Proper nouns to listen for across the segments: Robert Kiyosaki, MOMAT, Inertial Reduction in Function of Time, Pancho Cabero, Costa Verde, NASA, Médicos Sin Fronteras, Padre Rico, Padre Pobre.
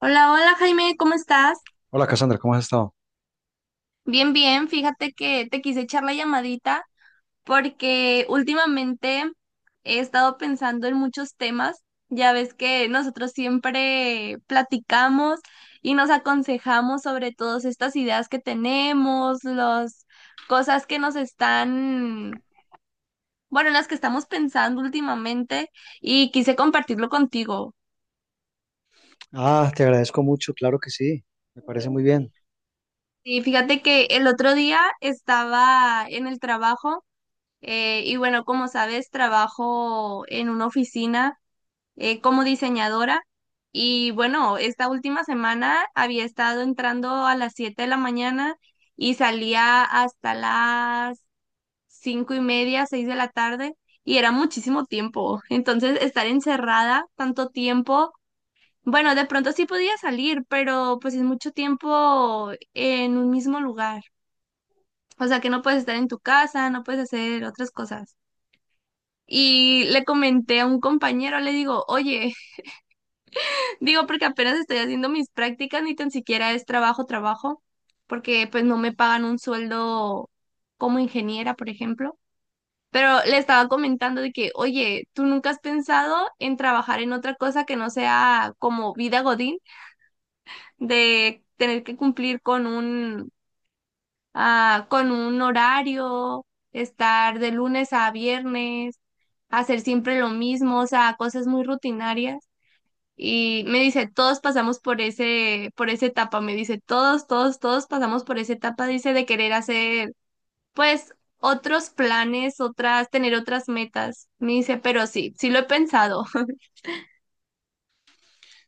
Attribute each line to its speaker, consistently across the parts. Speaker 1: Hola, hola Jaime, ¿cómo estás?
Speaker 2: Hola Cassandra, ¿cómo has estado?
Speaker 1: Bien, bien, fíjate que te quise echar la llamadita porque últimamente he estado pensando en muchos temas. Ya ves que nosotros siempre platicamos y nos aconsejamos sobre todas estas ideas que tenemos, las cosas que nos están, bueno, en las que estamos pensando últimamente y quise compartirlo contigo.
Speaker 2: Ah, te agradezco mucho, claro que sí, me parece muy bien.
Speaker 1: Y fíjate que el otro día estaba en el trabajo. Y bueno, como sabes, trabajo en una oficina como diseñadora. Y bueno, esta última semana había estado entrando a las 7 de la mañana y salía hasta las 5 y media, 6 de la tarde. Y era muchísimo tiempo. Entonces, estar encerrada tanto tiempo, bueno, de pronto sí podía salir, pero pues es mucho tiempo en un mismo lugar. O sea que no puedes estar en tu casa, no puedes hacer otras cosas. Y le comenté a un compañero, le digo, oye, digo porque apenas estoy haciendo mis prácticas, ni tan siquiera es trabajo, trabajo, porque pues no me pagan un sueldo como ingeniera, por ejemplo. Pero le estaba comentando de que, oye, ¿tú nunca has pensado en trabajar en otra cosa que no sea como vida godín, de tener que cumplir con un, ah, con un horario, estar de lunes a viernes, hacer siempre lo mismo, o sea, cosas muy rutinarias? Y me dice, todos pasamos por ese, por esa etapa, me dice, todos, todos, todos pasamos por esa etapa, dice, de querer hacer, pues, otros planes, otras, tener otras metas. Me dice, pero sí, sí lo he pensado.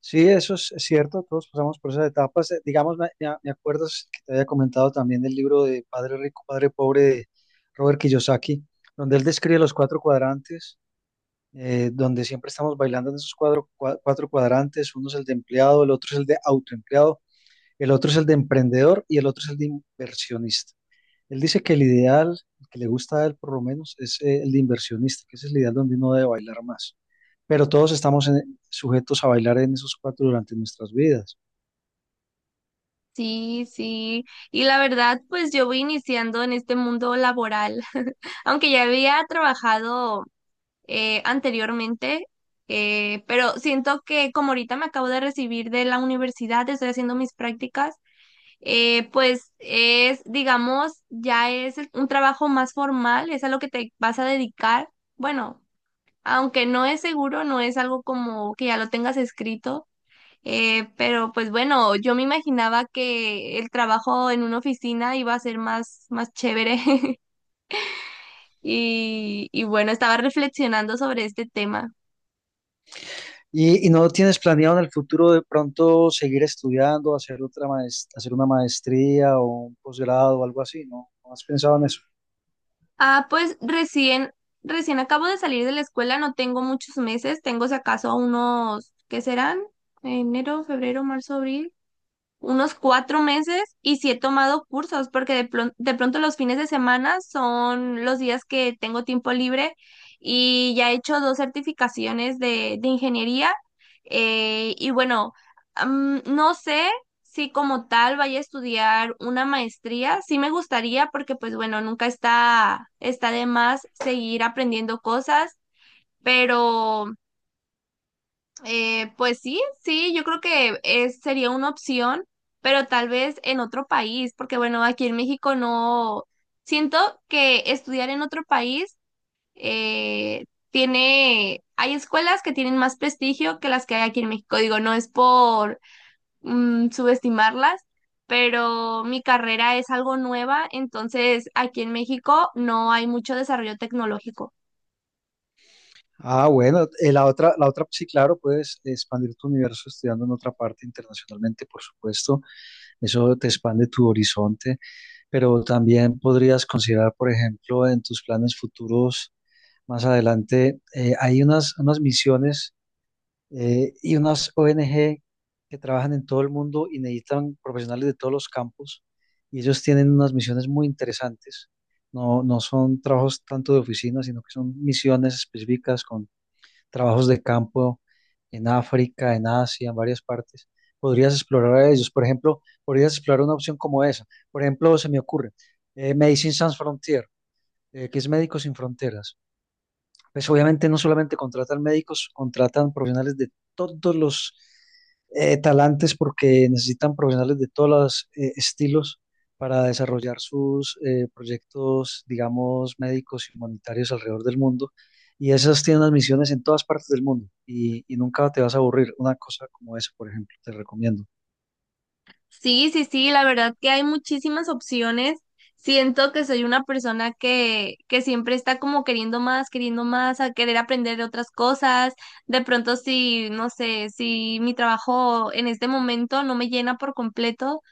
Speaker 2: Sí, eso es cierto, todos pasamos por esas etapas. Digamos, me acuerdas que te había comentado también del libro de Padre Rico, Padre Pobre de Robert Kiyosaki, donde él describe los cuatro cuadrantes, donde siempre estamos bailando en esos cuatro cuadrantes. Uno es el de empleado, el otro es el de autoempleado, el otro es el de emprendedor y el otro es el de inversionista. Él dice que el ideal, el que le gusta a él por lo menos, es el de inversionista, que ese es el ideal donde uno debe bailar más. Pero todos estamos sujetos a bailar en esos cuatro durante nuestras vidas.
Speaker 1: Sí, sí. Y la verdad, pues yo voy iniciando en este mundo laboral, aunque ya había trabajado anteriormente, pero siento que como ahorita me acabo de recibir de la universidad, estoy haciendo mis prácticas. Pues es, digamos, ya es un trabajo más formal, es a lo que te vas a dedicar. Bueno, aunque no es seguro, no es algo como que ya lo tengas escrito, pero pues bueno, yo me imaginaba que el trabajo en una oficina iba a ser más, más chévere y bueno, estaba reflexionando sobre este tema.
Speaker 2: Y no tienes planeado en el futuro de pronto seguir estudiando, hacer otra hacer una maestría o un posgrado o algo así, ¿no? ¿No has pensado en eso?
Speaker 1: Ah, pues recién, recién acabo de salir de la escuela, no tengo muchos meses, tengo si acaso unos, ¿qué serán? Enero, febrero, marzo, abril, unos 4 meses y sí he tomado cursos porque de, de pronto los fines de semana son los días que tengo tiempo libre y ya he hecho dos certificaciones de ingeniería y bueno, no sé si como tal vaya a estudiar una maestría, sí me gustaría porque pues bueno, nunca está, está de más seguir aprendiendo cosas, pero... pues sí, sí, yo creo que es, sería una opción, pero tal vez en otro país, porque bueno, aquí en México no, siento que estudiar en otro país eh, tiene, hay escuelas que tienen más prestigio que las que hay aquí en México. Digo, no es por subestimarlas, pero mi carrera es algo nueva, entonces aquí en México no hay mucho desarrollo tecnológico.
Speaker 2: Ah, bueno, la otra, sí, claro, puedes expandir tu universo estudiando en otra parte internacionalmente, por supuesto. Eso te expande tu horizonte. Pero también podrías considerar, por ejemplo, en tus planes futuros más adelante, hay unas, unas misiones y unas ONG que trabajan en todo el mundo y necesitan profesionales de todos los campos y ellos tienen unas misiones muy interesantes. No, no son trabajos tanto de oficina, sino que son misiones específicas, trabajos de campo en África, en Asia, en varias partes. Podrías explorar a ellos. Por ejemplo, podrías explorar una opción como esa. Por ejemplo, se me ocurre Medicine Sans Frontier, que es Médicos Sin Fronteras. Pues obviamente no solamente contratan médicos, contratan profesionales de todos los talantes porque necesitan profesionales de todos los estilos para desarrollar sus proyectos, digamos, médicos y humanitarios alrededor del mundo. Y esas tienen unas misiones en todas partes del mundo y nunca te vas a aburrir. Una cosa como esa, por ejemplo, te recomiendo.
Speaker 1: Sí, sí, sí, la verdad que hay muchísimas opciones. Siento que soy una persona que siempre está como queriendo más, a querer aprender de otras cosas. De pronto, si, no sé, si mi trabajo en este momento no me llena por completo,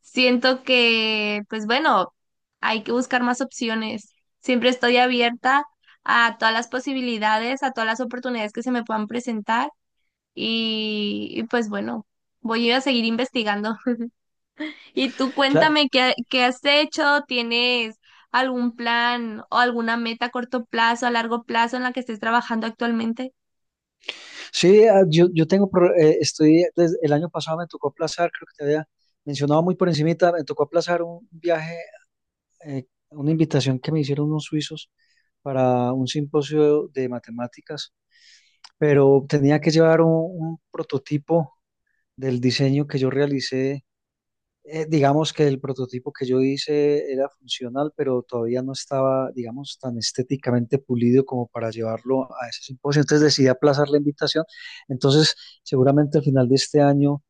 Speaker 1: siento que, pues bueno, hay que buscar más opciones. Siempre estoy abierta a todas las posibilidades, a todas las oportunidades que se me puedan presentar y pues bueno, voy a seguir investigando. Y tú
Speaker 2: Claro.
Speaker 1: cuéntame qué, qué has hecho, ¿tienes algún plan o alguna meta a corto plazo, a largo plazo en la que estés trabajando actualmente?
Speaker 2: Sí, yo, yo tengo, estoy, desde el año pasado me tocó aplazar, creo que te había mencionado muy por encimita, me tocó aplazar un viaje, una invitación que me hicieron unos suizos para un simposio de matemáticas, pero tenía que llevar un prototipo del diseño que yo realicé. Digamos que el prototipo que yo hice era funcional, pero todavía no estaba, digamos, tan estéticamente pulido como para llevarlo a ese simposio. Entonces decidí aplazar la invitación. Entonces, seguramente al final de este año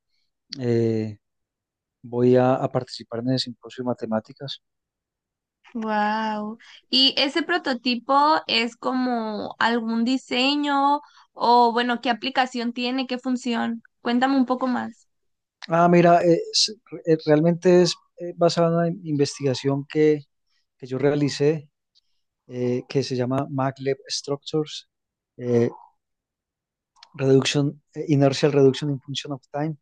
Speaker 2: eh, voy a participar en el simposio de matemáticas.
Speaker 1: Wow. ¿Y ese prototipo es como algún diseño o bueno, qué aplicación tiene, qué función? Cuéntame un poco más.
Speaker 2: Ah, mira, realmente es basada en una investigación que yo realicé, que se llama maglev Structures, eh, Reduction, Inertial Reduction in Function of Time.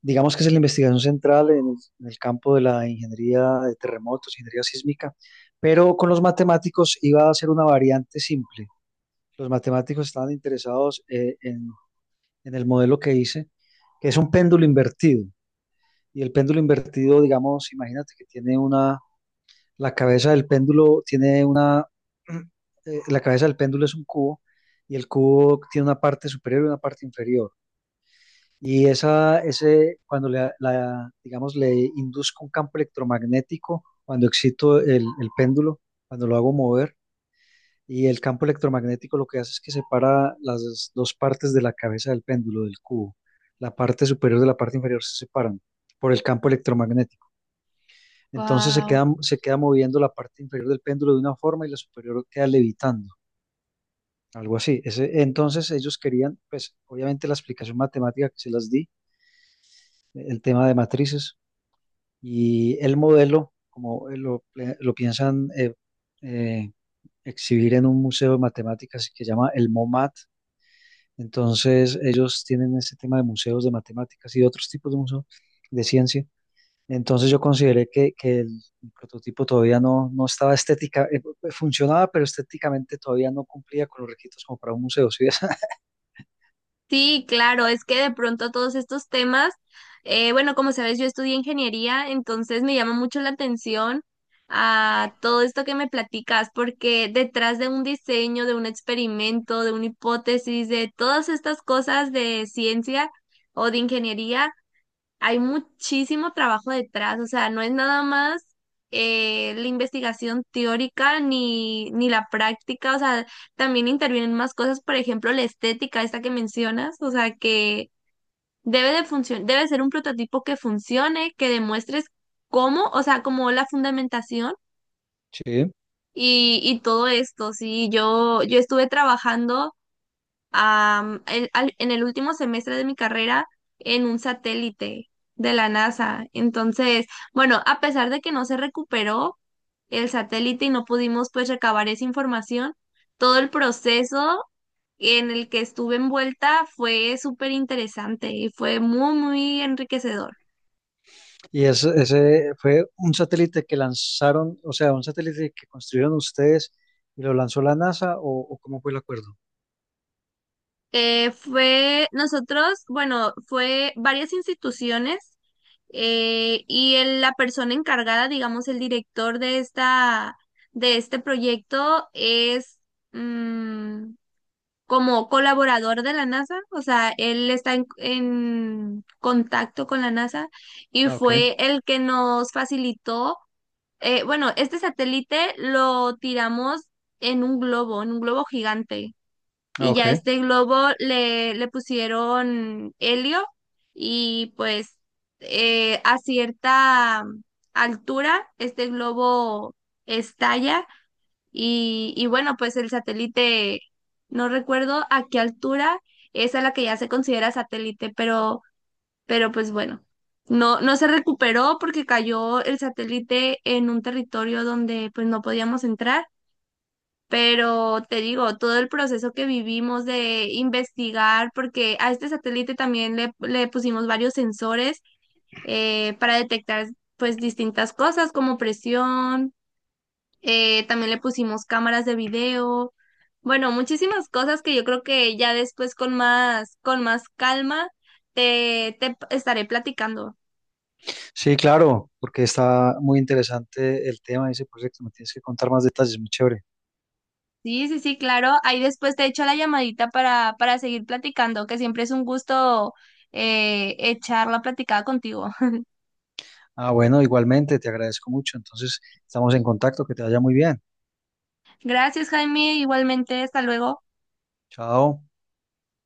Speaker 2: Digamos que es la investigación central en el campo de la ingeniería de terremotos, ingeniería sísmica, pero con los matemáticos iba a ser una variante simple. Los matemáticos estaban interesados en en el modelo que hice, que es un péndulo invertido. Y el péndulo invertido, digamos, imagínate que tiene una, la cabeza del péndulo tiene una, la cabeza del péndulo es un cubo y el cubo tiene una parte superior y una parte inferior. Y esa, ese, cuando le, la, digamos, le induzco un campo electromagnético, cuando excito el péndulo, cuando lo hago mover, y el campo electromagnético lo que hace es que separa las dos partes de la cabeza del péndulo, del cubo. La parte superior de la parte inferior se separan por el campo electromagnético. Entonces
Speaker 1: Wow.
Speaker 2: se queda moviendo la parte inferior del péndulo de una forma y la superior queda levitando, algo así. Entonces ellos querían, pues obviamente la explicación matemática que se las di, el tema de matrices y el modelo, como lo piensan eh, exhibir en un museo de matemáticas que se llama el MOMAT. Entonces ellos tienen ese tema de museos de matemáticas y de otros tipos de museos de ciencia. Entonces yo consideré que el prototipo todavía no, no estaba funcionaba, pero estéticamente todavía no cumplía con los requisitos como para un museo, ¿sí ves?
Speaker 1: Sí, claro, es que de pronto todos estos temas, bueno, como sabes, yo estudié ingeniería, entonces me llama mucho la atención a todo esto que me platicas, porque detrás de un diseño, de un experimento, de una hipótesis, de todas estas cosas de ciencia o de ingeniería, hay muchísimo trabajo detrás, o sea, no es nada más la investigación teórica ni, ni la práctica, o sea, también intervienen más cosas, por ejemplo, la estética, esta que mencionas, o sea, que debe de funcionar, debe ser un prototipo que funcione, que demuestres cómo, o sea, como la fundamentación
Speaker 2: Sí.
Speaker 1: y todo esto, sí, yo estuve trabajando en el último semestre de mi carrera en un satélite de la NASA. Entonces, bueno, a pesar de que no se recuperó el satélite y no pudimos pues recabar esa información, todo el proceso en el que estuve envuelta fue súper interesante y fue muy, muy enriquecedor.
Speaker 2: Y ese fue un satélite que lanzaron, o sea, un satélite que construyeron ustedes y lo lanzó la NASA, o cómo fue el acuerdo?
Speaker 1: Fue nosotros, bueno, fue varias instituciones. La persona encargada, digamos, el director de esta, de este proyecto es mm, como colaborador de la NASA, o sea, él está en contacto con la NASA y
Speaker 2: Ah, ok,
Speaker 1: fue el que nos facilitó, bueno, este satélite lo tiramos en un globo gigante.
Speaker 2: ah,
Speaker 1: Y ya
Speaker 2: ok.
Speaker 1: este globo le, le pusieron helio y pues a cierta altura este globo estalla y bueno, pues el satélite, no recuerdo a qué altura es a la que ya se considera satélite, pero pues bueno, no, no se recuperó porque cayó el satélite en un territorio donde pues no podíamos entrar, pero te digo, todo el proceso que vivimos de investigar, porque a este satélite también le pusimos varios sensores para detectar pues distintas cosas como presión, también le pusimos cámaras de video, bueno, muchísimas cosas que yo creo que ya después con más calma te, te estaré platicando.
Speaker 2: Sí, claro, porque está muy interesante el tema de ese proyecto, me tienes que contar más detalles, muy chévere.
Speaker 1: Sí, sí, sí, claro. Ahí después te echo la llamadita para seguir platicando, que siempre es un gusto echar la platicada contigo.
Speaker 2: Ah, bueno, igualmente, te agradezco mucho, entonces estamos en contacto, que te vaya muy bien.
Speaker 1: Gracias, Jaime. Igualmente, hasta luego.
Speaker 2: Chao.